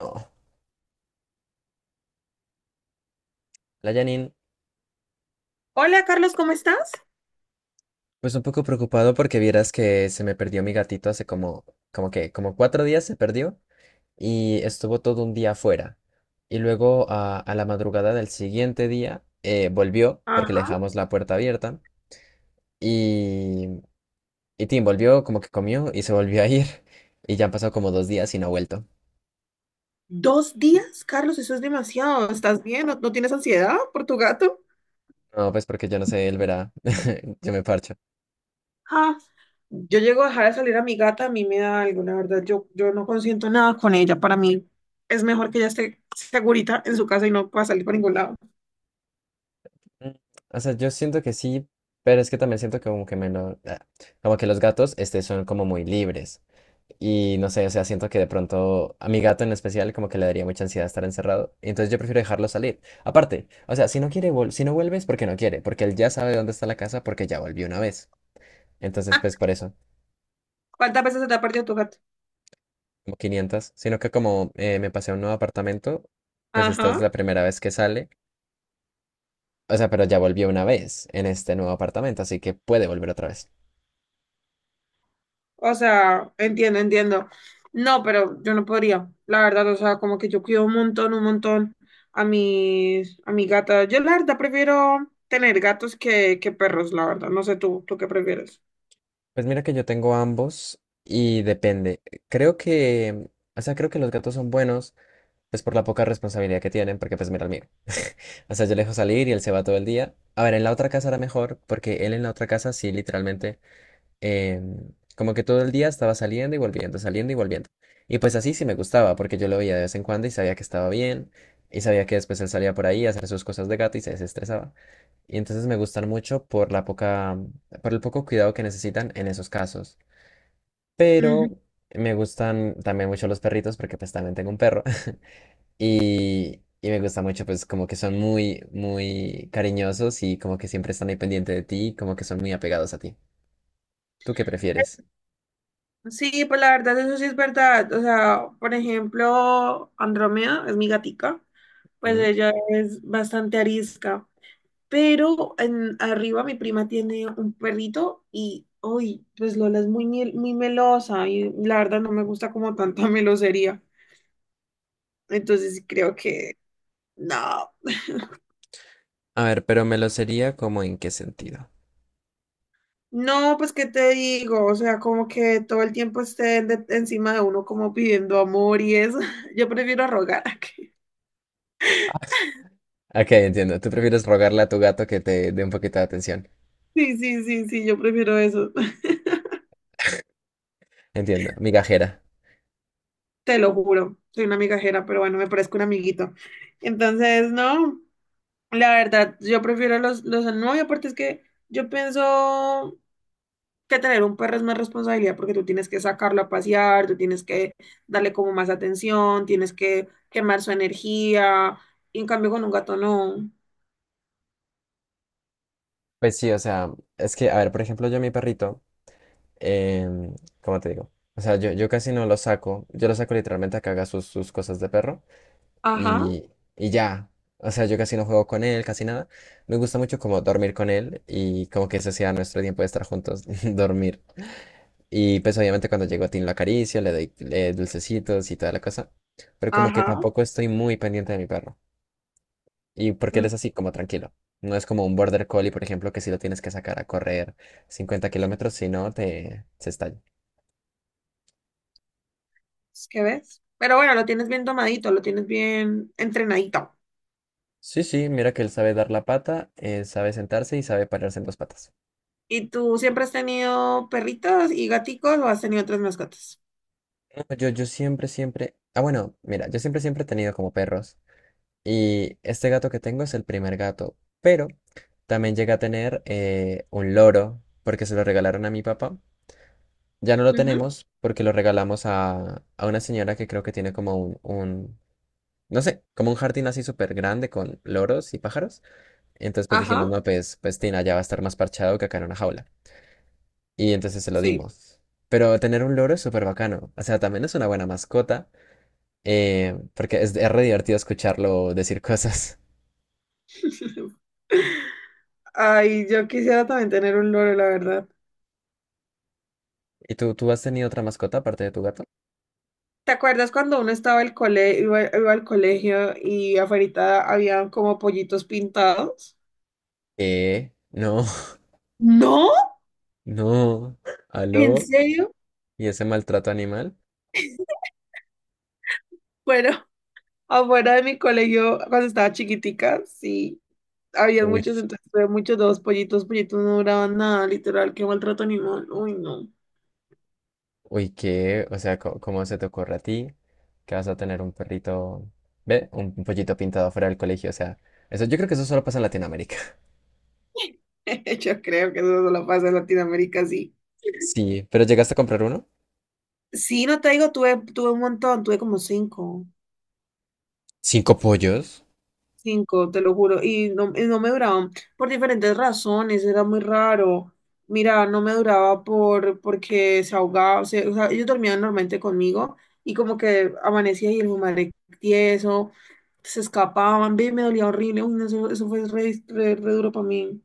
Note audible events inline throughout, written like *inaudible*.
No. Hola Janine, Hola Carlos, ¿cómo estás? pues un poco preocupado porque vieras que se me perdió mi gatito hace como, como que, como 4 días se perdió y estuvo todo un día afuera. Y luego a la madrugada del siguiente día volvió porque le Ajá. dejamos la puerta abierta y, y Tim volvió como que comió y se volvió a ir *laughs* y ya han pasado como 2 días y no ha vuelto. ¿Dos días? Carlos, eso es demasiado. ¿Estás bien? ¿No, no tienes ansiedad por tu gato? No, pues porque yo no sé, él verá, *laughs* yo me parcho. Ah, yo llego a dejar de salir a mi gata, a mí me da algo, la verdad, yo no consiento nada con ella, para mí es mejor que ella esté segurita en su casa y no pueda salir para ningún lado. Mm, o sea, yo siento que sí, pero es que también siento que como que me lo, ah, como que los gatos este, son como muy libres. Y no sé, o sea, siento que de pronto a mi gato en especial como que le daría mucha ansiedad estar encerrado. Entonces yo prefiero dejarlo salir. Aparte, o sea, si no quiere, si no vuelve es porque no quiere, porque él ya sabe dónde está la casa porque ya volvió una vez. Entonces, pues por eso, ¿Cuántas veces se te ha perdido tu gato? como 500. Sino que como me pasé a un nuevo apartamento, pues esta es Ajá. la primera vez que sale. O sea, pero ya volvió una vez en este nuevo apartamento, así que puede volver otra vez. O sea, entiendo, entiendo. No, pero yo no podría, la verdad, o sea, como que yo cuido un montón a mi gata. Yo la verdad prefiero tener gatos que perros, la verdad. No sé tú, ¿tú qué prefieres? Pues mira que yo tengo ambos y depende. Creo que, o sea, creo que los gatos son buenos, pues por la poca responsabilidad que tienen, porque pues mira el mío. *laughs* O sea, yo le dejo salir y él se va todo el día. A ver, en la otra casa era mejor, porque él en la otra casa sí, literalmente eh, como que todo el día estaba saliendo y volviendo, saliendo y volviendo. Y pues así sí me gustaba, porque yo lo veía de vez en cuando y sabía que estaba bien, y sabía que después él salía por ahí a hacer sus cosas de gato y se desestresaba. Y entonces me gustan mucho por la poca, por el poco cuidado que necesitan en esos casos. Pero Ujú. me gustan también mucho los perritos, porque pues también tengo un perro. *laughs* Y me gusta mucho, pues como que son muy, muy cariñosos y como que siempre están ahí pendiente de ti, como que son muy apegados a ti. ¿Tú qué prefieres? Sí, pues la verdad, eso sí es verdad. O sea, por ejemplo, Andrómeda es mi gatica, pues ella es bastante arisca. Pero arriba mi prima tiene un perrito y hoy, pues Lola es muy melosa y la verdad no me gusta como tanta *laughs* melosería. Entonces creo que no. A ver, pero me lo sería como en qué sentido. No, pues qué te digo, o sea, como que todo el tiempo encima de uno como pidiendo amor y eso. *laughs* Yo prefiero rogar. *laughs* Ah, ok, entiendo. Tú prefieres rogarle a tu gato que te dé un poquito de atención. Sí, sí, sí, sí, yo prefiero eso. *laughs* Entiendo. Migajera. Te lo juro, soy una migajera, pero bueno, me parezco un amiguito. Entonces, no. La verdad, yo prefiero los al nuevo y aparte es que yo pienso que tener un perro es más responsabilidad porque tú tienes que sacarlo a pasear, tú tienes que darle como más atención, tienes que quemar su energía, y en cambio con un gato no. Pues sí, o sea, es que, a ver, por ejemplo, yo a mi perrito, em, ¿cómo te digo? O sea, yo casi no lo saco. Yo lo saco literalmente a que haga sus, sus cosas de perro Ajá, y, y ya. O sea, yo casi no juego con él, casi nada. Me gusta mucho como dormir con él y como que ese sea nuestro tiempo de estar juntos, *laughs* dormir. Y pues obviamente cuando llego a Tim lo acaricio, le doy dulcecitos y toda la cosa. Pero como que ajá, tampoco estoy muy pendiente de mi perro. Y porque él mm, es así, como tranquilo. No es como un border collie, por ejemplo, que si lo tienes que sacar a correr 50 kilómetros, si no, te se estalla. ¿es ves? Pero bueno, lo tienes bien tomadito, lo tienes bien entrenadito. Sí, sí, mira que él sabe dar la pata, sabe sentarse y sabe pararse en dos patas. ¿Y tú siempre has tenido perritos y gaticos o has tenido otras mascotas? No, yo siempre, siempre. Ah, bueno, mira, yo siempre, siempre he tenido como perros. Y este gato que tengo es el primer gato, pero también llegué a tener un loro porque se lo regalaron a mi papá. Ya no lo Ujú, tenemos porque lo regalamos a una señora que creo que tiene como un, no sé, como un jardín así súper grande con loros y pájaros. Entonces pues dijimos, ajá, no, pues, pues Tina ya va a estar más parchado que acá en una jaula. Y entonces se lo sí. dimos. Pero tener un loro es súper bacano. O sea, también es una buena mascota porque es re divertido escucharlo decir *laughs* cosas. *laughs* Ay, yo quisiera también tener un loro, la verdad. ¿Y tú has tenido otra mascota aparte de tu gato? ¿Te acuerdas cuando uno estaba al cole, iba al colegio y afuera había como pollitos pintados? No, ¿No? *laughs* no. ¿En ¿Aló? serio? ¿Y ese maltrato animal? Bueno, *laughs* afuera de mi colegio, cuando estaba chiquitica, sí, había Uy, muchos, entonces había muchos dos pollitos, pollitos no duraban nada, literal, qué maltrato animal. Uy, no. uy, ¿qué? O sea, ¿cómo, se te ocurre a ti que vas a tener un perrito, ve, un pollito pintado fuera del colegio? O sea, eso, yo creo que eso solo pasa en Latinoamérica. *laughs* *laughs* Yo creo que eso solo pasa en Latinoamérica, sí. Sí, ¿pero llegaste a comprar uno? Sí, no te digo, tuve un montón, tuve como cinco. ¿Cinco pollos? Cinco, te lo juro, y no me duraban por diferentes razones, era muy raro. Mira, no me duraba porque se ahogaba, o sea, ellos dormían normalmente conmigo y como que amanecía y el hijo de madre tieso, se escapaban, ve, me dolía horrible, uy, no, eso fue re duro para mí.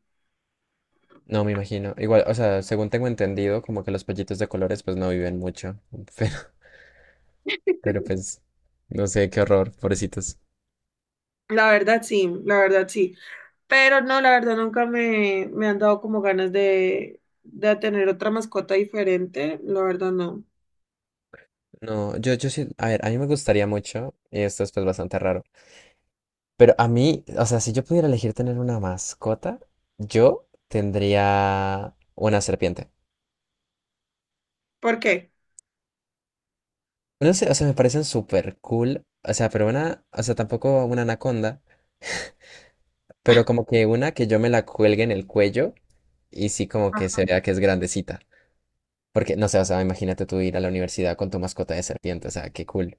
No, me imagino. Igual, o sea, según tengo entendido, como que los pollitos de colores pues no viven mucho. *laughs* Pero, pero pues, no sé, qué horror, pobrecitos. La verdad sí, pero no, la verdad nunca me han dado como ganas de tener otra mascota diferente, la verdad no. No, yo sí, a ver, a mí me gustaría mucho, y esto es pues bastante raro, pero a mí, o sea, si yo pudiera elegir tener una mascota, yo tendría una serpiente. ¿Por qué? No sé, o sea, me parecen súper cool, o sea, pero una, o sea, tampoco una anaconda, pero como que una que yo me la cuelgue en el cuello y sí como que se vea que es grandecita. Porque, no sé, o sea, imagínate tú ir a la universidad con tu mascota de serpiente, o sea, qué cool,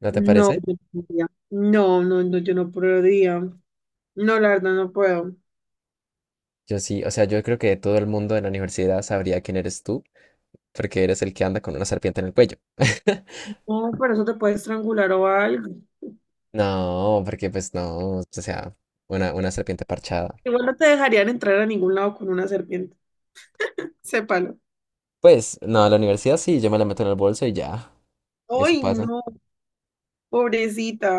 ¿no te No, parece? yo no podría. No, no, no, yo no podría. No, la verdad no puedo. Yo sí, o sea, yo creo que todo el mundo en la universidad sabría quién eres tú porque eres el que anda con una serpiente en el cuello. *laughs* No, por eso te puedes estrangular o algo. No, porque pues no, o sea, una serpiente parchada. Igual no te dejarían entrar a ningún lado con una serpiente. *laughs* Sépalo. Pues no, a la universidad sí, yo me la meto en el bolso y ya, eso Ay, pasa. no, pobrecita.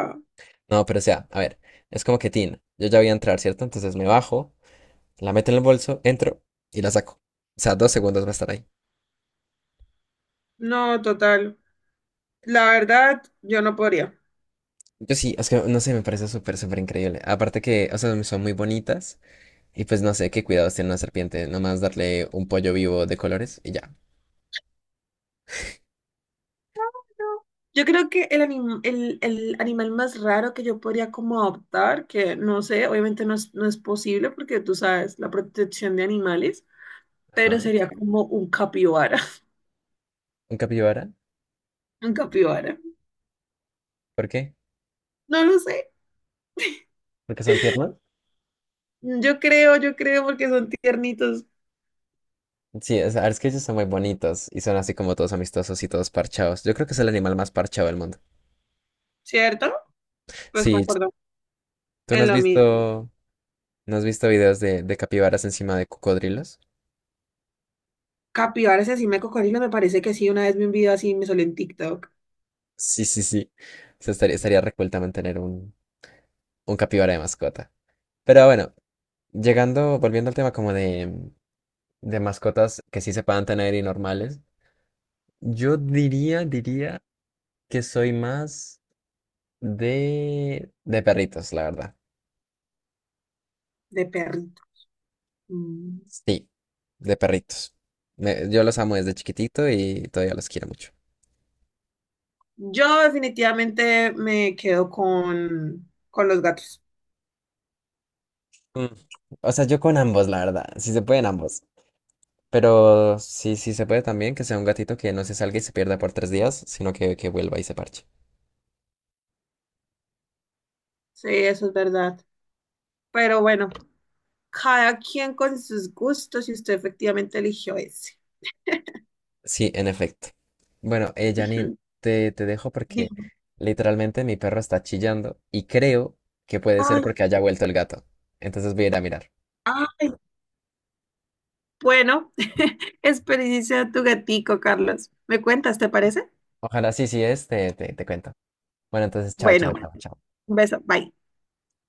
No, pero o sea, a ver, es como que Tin, yo ya voy a entrar, ¿cierto? Entonces me bajo, la meto en el bolso, entro y la saco. O sea, dos segundos va a estar ahí. No, total. La verdad, yo no podría. Yo sí, es que no sé, me parece súper, súper increíble. Aparte que, o sea, son muy bonitas y pues no sé qué cuidados tiene una serpiente, nomás darle un pollo vivo de colores y ya. Yo creo que el animal más raro que yo podría como adoptar, que no sé, obviamente no es posible porque tú sabes la protección de animales, pero Ajá. sería como un capibara. *laughs* ¿Un capibara? Un capibara. ¿Por qué? No lo sé. Porque son tiernos. Yo creo porque son tiernitos, Sí, es que ellos son muy bonitos y son así como todos amistosos y todos parchados. Yo creo que es el animal más parchado del mundo. ¿cierto? Pues Sí, concuerdo ¿tú no en has lo mismo. visto, no has visto videos de capibaras encima de cocodrilos? Capibaras así me cocodrilos, me parece que sí. Una vez vi un video así me salió en TikTok Sí, sí, sí. O sea, estaría, estaría reculta mantener un capibara de mascota. Pero bueno, llegando, volviendo al tema como de mascotas que sí se puedan tener y normales, yo diría, diría que soy más de perritos, la verdad. de perrito. Mm. Sí, de perritos. Me- yo los amo desde chiquitito y todavía los quiero mucho. Yo definitivamente me quedo con los gatos. Mm. O sea, yo con ambos, la verdad. Si se pueden ambos. Pero sí, sí se puede también que sea un gatito que no se salga y se pierda por 3 días, sino que vuelva y se parche. Sí, eso es verdad. Pero bueno, cada quien con sus gustos y usted efectivamente eligió ese. Sí, en efecto. Bueno, *laughs* Janine, Ujú. te dejo porque Digo, literalmente mi perro está chillando y creo que puede ser ay, porque haya vuelto el gato. Entonces voy a ir a mirar. ay, bueno, *laughs* experiencia tu gatico, Carlos. ¿Me cuentas, te parece? Ojalá sí, sí es, te cuento. Bueno, entonces, chao, chao, Bueno. chao, chao. Un beso, bye.